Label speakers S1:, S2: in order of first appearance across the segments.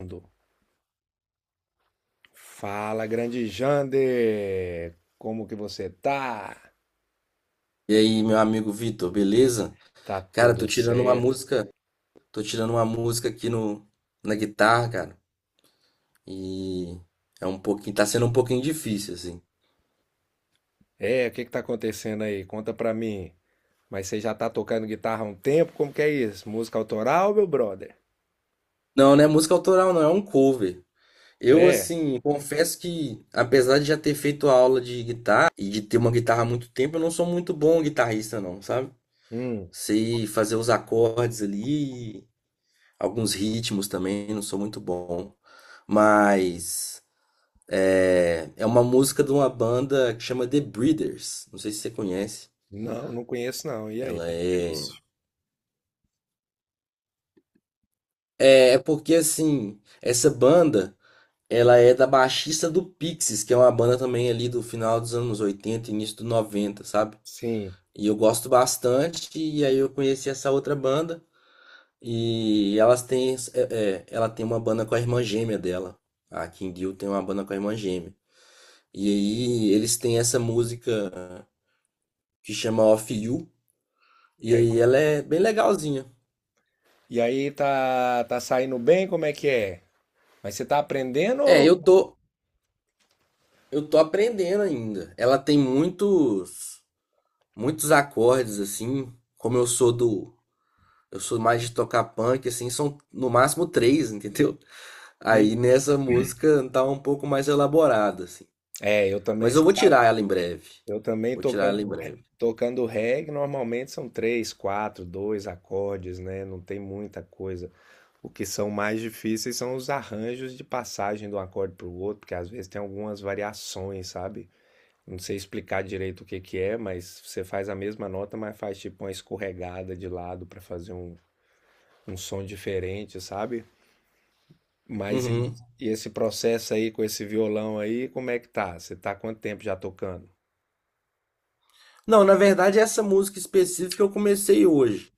S1: Mundo. Fala, grande Jander! Como que você tá?
S2: E aí, meu amigo Vitor, beleza?
S1: Tá
S2: Cara,
S1: tudo certo?
S2: tô tirando uma música aqui no, na guitarra, cara. E tá sendo um pouquinho difícil, assim.
S1: O que que tá acontecendo aí? Conta pra mim. Mas você já tá tocando guitarra há um tempo? Como que é isso? Música autoral, meu brother?
S2: Não, não é música autoral, não, é um cover. Eu,
S1: É?
S2: assim, confesso que, apesar de já ter feito aula de guitarra e de ter uma guitarra há muito tempo, eu não sou muito bom guitarrista, não, sabe?
S1: Hum,
S2: Sei fazer os acordes ali, alguns ritmos também, não sou muito bom. Mas. É uma música de uma banda que chama The Breeders. Não sei se você conhece.
S1: não, não conheço não. E aí?
S2: Ela
S1: É
S2: é.
S1: difícil.
S2: É porque assim, essa banda, ela é da baixista do Pixies, que é uma banda também ali do final dos anos 80 início dos 90, sabe?
S1: Sim.
S2: E eu gosto bastante, e aí eu conheci essa outra banda, e elas têm. É, é, ela tem uma banda com a irmã gêmea dela. A King Deal tem uma banda com a irmã gêmea. E aí eles têm essa música que chama Off You.
S1: E
S2: E
S1: aí?
S2: aí ela é bem legalzinha.
S1: E aí tá saindo bem? Como é que é? Mas você tá aprendendo
S2: É,
S1: ou...
S2: eu tô aprendendo ainda. Ela tem muitos, muitos acordes assim, como eu sou mais de tocar punk assim, são no máximo três, entendeu? Aí
S1: Hum.
S2: nessa música tá um pouco mais elaborada assim.
S1: É, eu também,
S2: Mas eu
S1: você
S2: vou
S1: sabe.
S2: tirar ela em breve.
S1: Eu também
S2: Vou tirar
S1: tocando,
S2: ela em breve.
S1: tocando reggae, normalmente são três, quatro, dois acordes, né? Não tem muita coisa. O que são mais difíceis são os arranjos de passagem de um acorde para o outro, porque às vezes tem algumas variações, sabe? Não sei explicar direito o que que é, mas você faz a mesma nota, mas faz tipo uma escorregada de lado para fazer um, um som diferente, sabe? Mas e
S2: Uhum.
S1: e esse processo aí com esse violão aí, como é que tá? Você tá há quanto tempo já tocando?
S2: Não, na verdade essa música específica eu comecei hoje.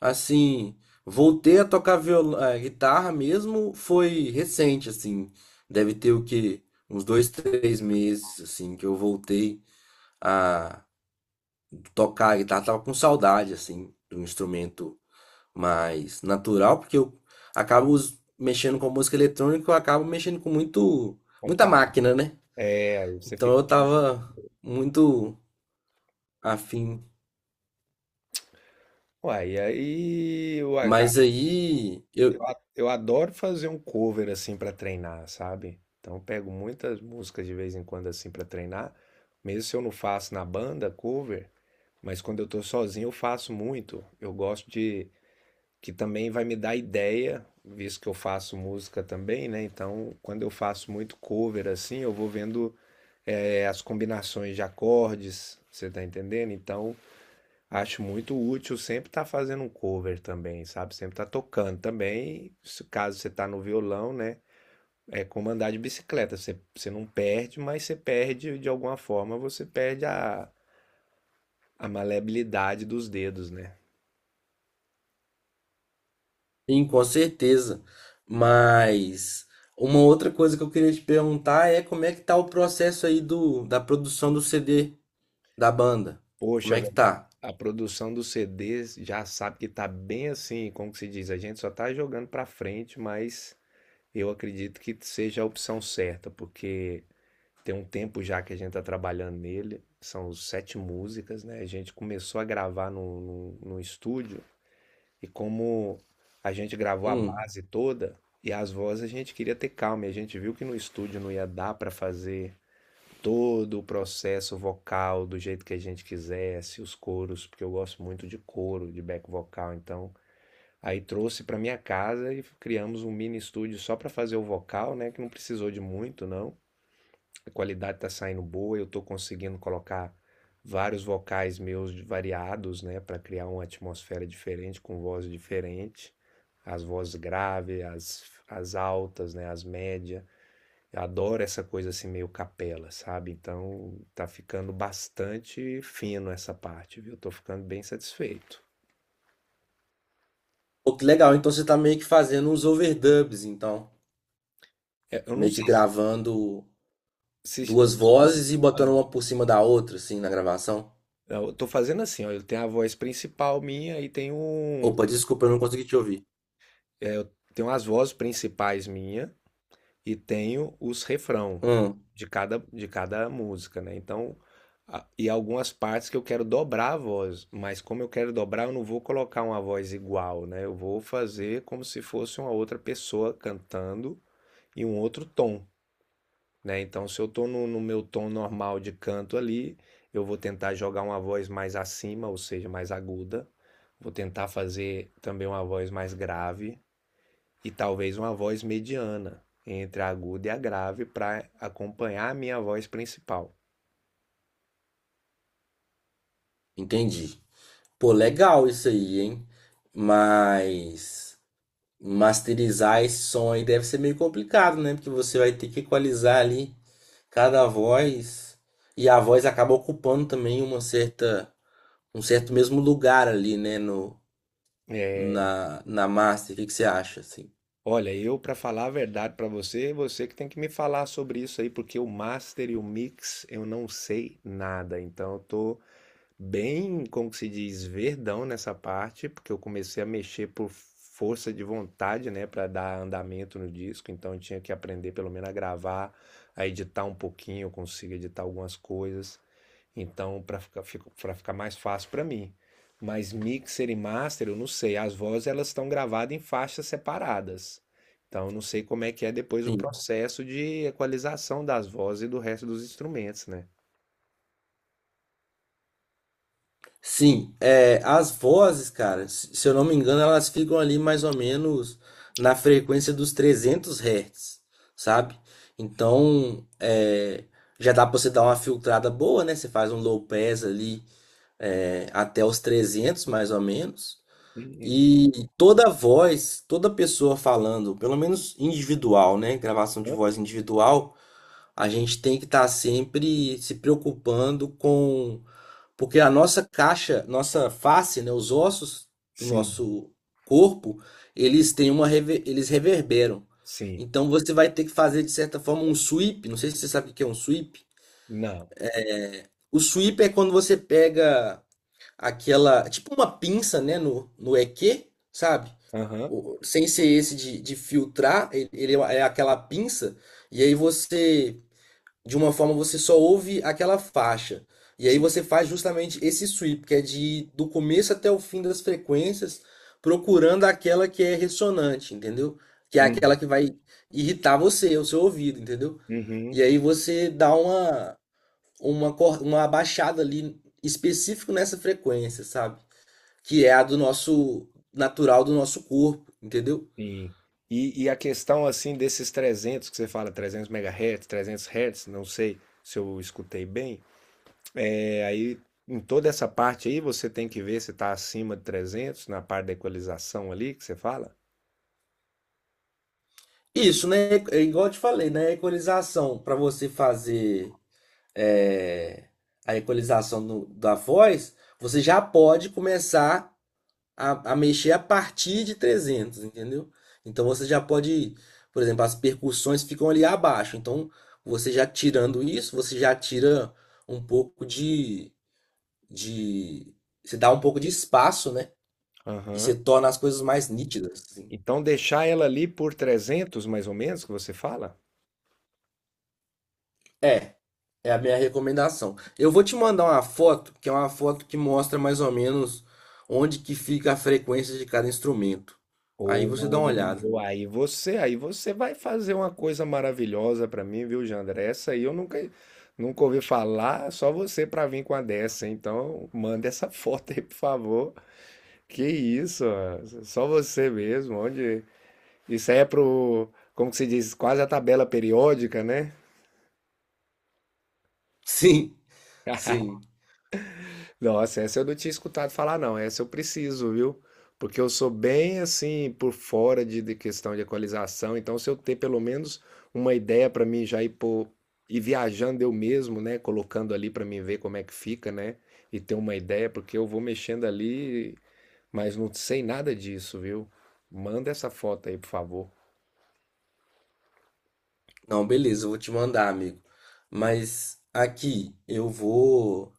S2: Assim, voltei a tocar guitarra mesmo, foi recente, assim. Deve ter o quê? Uns dois, três meses, assim, que eu voltei a tocar a guitarra. Tava com saudade, assim, de um instrumento mais natural, porque eu acabo mexendo com música eletrônica, eu acabo mexendo com muita
S1: Computador.
S2: máquina, né?
S1: É, aí você
S2: Então
S1: fica.
S2: eu tava muito afim.
S1: Uai, e aí, uai, cara,
S2: Mas aí
S1: eu,
S2: eu.
S1: a- eu adoro fazer um cover assim pra treinar, sabe? Então eu pego muitas músicas de vez em quando assim pra treinar, mesmo se eu não faço na banda cover, mas quando eu tô sozinho eu faço muito. Eu gosto de que também vai me dar ideia, visto que eu faço música também, né? Então, quando eu faço muito cover assim, eu vou vendo as combinações de acordes, você tá entendendo? Então, acho muito útil sempre estar fazendo um cover também, sabe? Sempre estar tocando também. Caso você tá no violão, né? É como andar de bicicleta. Você não perde, mas você perde de alguma forma, você perde a maleabilidade dos dedos, né?
S2: Sim, com certeza. Mas uma outra coisa que eu queria te perguntar é como é que tá o processo aí da produção do CD da banda? Como
S1: Poxa,
S2: é que
S1: velho,
S2: tá?
S1: a produção dos CDs já sabe que tá bem assim, como que se diz? A gente só tá jogando pra frente, mas eu acredito que seja a opção certa, porque. Tem um tempo já que a gente tá trabalhando nele, são sete músicas, né? A gente começou a gravar no estúdio e como a gente gravou a
S2: Hum.
S1: base toda e as vozes a gente queria ter calma, e a gente viu que no estúdio não ia dar para fazer todo o processo vocal do jeito que a gente quisesse, os coros, porque eu gosto muito de coro, de back vocal, então aí trouxe para minha casa e criamos um mini estúdio só para fazer o vocal, né? Que não precisou de muito, não, a qualidade está saindo boa, eu estou conseguindo colocar vários vocais meus variados, né, para criar uma atmosfera diferente, com voz diferente, as vozes graves, as altas, né, as médias. Eu adoro essa coisa assim meio capela, sabe? Então tá ficando bastante fino essa parte, viu? Tô ficando bem satisfeito.
S2: Pô, que legal. Então você tá meio que fazendo uns overdubs, então.
S1: É, eu não
S2: Meio que
S1: sei
S2: gravando
S1: se
S2: duas
S1: eu,
S2: vozes e botando uma por cima da outra, assim, na gravação.
S1: eu tô fazendo assim, ó, eu tenho a voz principal minha e
S2: Opa, desculpa, eu não consegui te ouvir.
S1: eu tenho as vozes principais minha e tenho os refrão
S2: Hum,
S1: de cada música, né? Então, e algumas partes que eu quero dobrar a voz, mas como eu quero dobrar, eu não vou colocar uma voz igual, né? Eu vou fazer como se fosse uma outra pessoa cantando em um outro tom, né? Então, se eu tô no meu tom normal de canto ali, eu vou tentar jogar uma voz mais acima, ou seja, mais aguda. Vou tentar fazer também uma voz mais grave e talvez uma voz mediana entre a aguda e a grave para acompanhar a minha voz principal.
S2: entendi. Pô, legal isso aí, hein? Mas. Masterizar esse som aí deve ser meio complicado, né? Porque você vai ter que equalizar ali cada voz e a voz acaba ocupando também uma certa um certo mesmo lugar ali, né, no
S1: É,
S2: na na master. O que que você acha assim?
S1: olha, eu para falar a verdade para você, você que tem que me falar sobre isso aí, porque o master e o mix eu não sei nada, então eu tô bem, como que se diz, verdão nessa parte, porque eu comecei a mexer por força de vontade, né, para dar andamento no disco, então eu tinha que aprender pelo menos a gravar, a editar um pouquinho, eu consigo editar algumas coisas. Então, para ficar mais fácil para mim. Mas mixer e master, eu não sei, as vozes elas estão gravadas em faixas separadas. Então, eu não sei como é que é depois o
S2: Sim.
S1: processo de equalização das vozes e do resto dos instrumentos, né?
S2: Sim, as vozes, cara, se eu não me engano, elas ficam ali mais ou menos na frequência dos 300 Hz, sabe? Então, já dá pra você dar uma filtrada boa, né? Você faz um low pass ali até os 300 mais ou menos.
S1: Sim,
S2: E toda voz, toda pessoa falando, pelo menos individual, né? Gravação de voz individual, a gente tem que estar sempre se preocupando com. Porque a nossa caixa, nossa face, né? Os ossos do
S1: sim,
S2: nosso corpo, eles reverberam.
S1: sim.
S2: Então você vai ter que fazer, de certa forma, um sweep. Não sei se você sabe o que é um sweep.
S1: Não.
S2: O sweep é quando você pega aquela, tipo uma pinça, né, no EQ, sabe?
S1: Aham.
S2: Sem ser esse de filtrar, ele é aquela pinça, e aí você, de uma forma, você só ouve aquela faixa. E aí
S1: Sim.
S2: você faz justamente esse sweep, que é de ir do começo até o fim das frequências, procurando aquela que é ressonante, entendeu? Que é
S1: Hum.
S2: aquela que vai irritar você, o seu ouvido, entendeu?
S1: Uhum.
S2: E aí você dá uma abaixada ali específico nessa frequência, sabe? Que é a do nosso natural do nosso corpo, entendeu?
S1: Sim. E a questão, assim, desses 300 que você fala, 300 megahertz, 300 hertz, não sei se eu escutei bem, aí em toda essa parte aí você tem que ver se está acima de 300 na parte da equalização ali que você fala?
S2: Isso, né? É igual eu te falei, né? A equalização para você fazer é, a equalização da voz, você já pode começar a mexer a partir de 300, entendeu? Então você já pode, por exemplo, as percussões ficam ali abaixo. Então você já tirando isso, você já tira um pouco de, você dá um pouco de espaço, né? E
S1: Aham.
S2: você torna as coisas mais nítidas, assim.
S1: Então deixar ela ali por 300 mais ou menos que você fala?
S2: É, é a minha recomendação. Eu vou te mandar uma foto, que é uma foto que mostra mais ou menos onde que fica a frequência de cada instrumento. Aí você dá uma olhada.
S1: Aí você vai fazer uma coisa maravilhosa pra mim, viu, Jandra? Essa aí eu nunca, nunca ouvi falar, só você pra vir com a dessa. Então, manda essa foto aí, por favor. Que isso, ó, só você mesmo. Onde... Isso aí é pro, como que se diz, quase a tabela periódica, né?
S2: Sim, sim.
S1: Nossa, essa eu não tinha escutado falar, não. Essa eu preciso, viu? Porque eu sou bem assim, por fora de questão de equalização. Então, se eu ter pelo menos uma ideia para mim já ir, pô, ir viajando eu mesmo, né? Colocando ali para mim ver como é que fica, né? E ter uma ideia, porque eu vou mexendo ali, mas não sei nada disso, viu? Manda essa foto aí, por favor.
S2: Não, beleza, eu vou te mandar, amigo. Mas aqui eu vou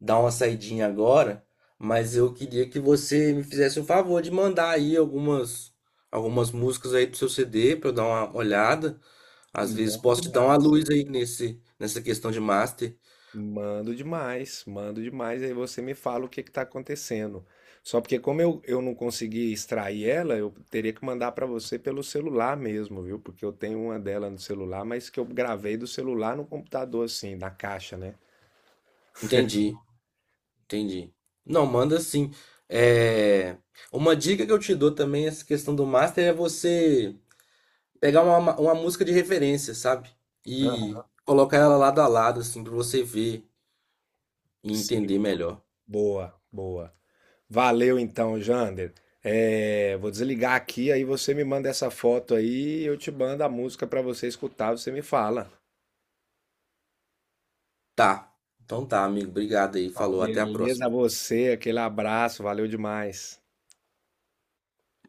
S2: dar uma saidinha agora, mas eu queria que você me fizesse o favor de mandar aí algumas músicas aí pro seu CD para eu dar uma olhada. Às vezes
S1: Bom
S2: posso te dar uma
S1: demais.
S2: luz aí nesse nessa questão de master.
S1: Mando demais, mando demais. Aí você me fala o que está acontecendo. Só porque como eu não consegui extrair ela, eu teria que mandar para você pelo celular mesmo, viu? Porque eu tenho uma dela no celular, mas que eu gravei do celular no computador, assim, na caixa, né?
S2: Entendi, entendi. Não, manda sim. É... Uma dica que eu te dou também, essa questão do master, é você pegar uma música de referência, sabe?
S1: Aham.
S2: E colocar ela lado a lado, assim, pra você ver e
S1: Sim.
S2: entender melhor.
S1: Boa, boa. Valeu então, Jander. É, vou desligar aqui, aí você me manda essa foto aí, eu te mando a música para você escutar, você me fala.
S2: Tá. Então tá, amigo. Obrigado aí.
S1: Tá,
S2: Falou. Até a
S1: beleza, a
S2: próxima.
S1: você, aquele abraço, valeu demais.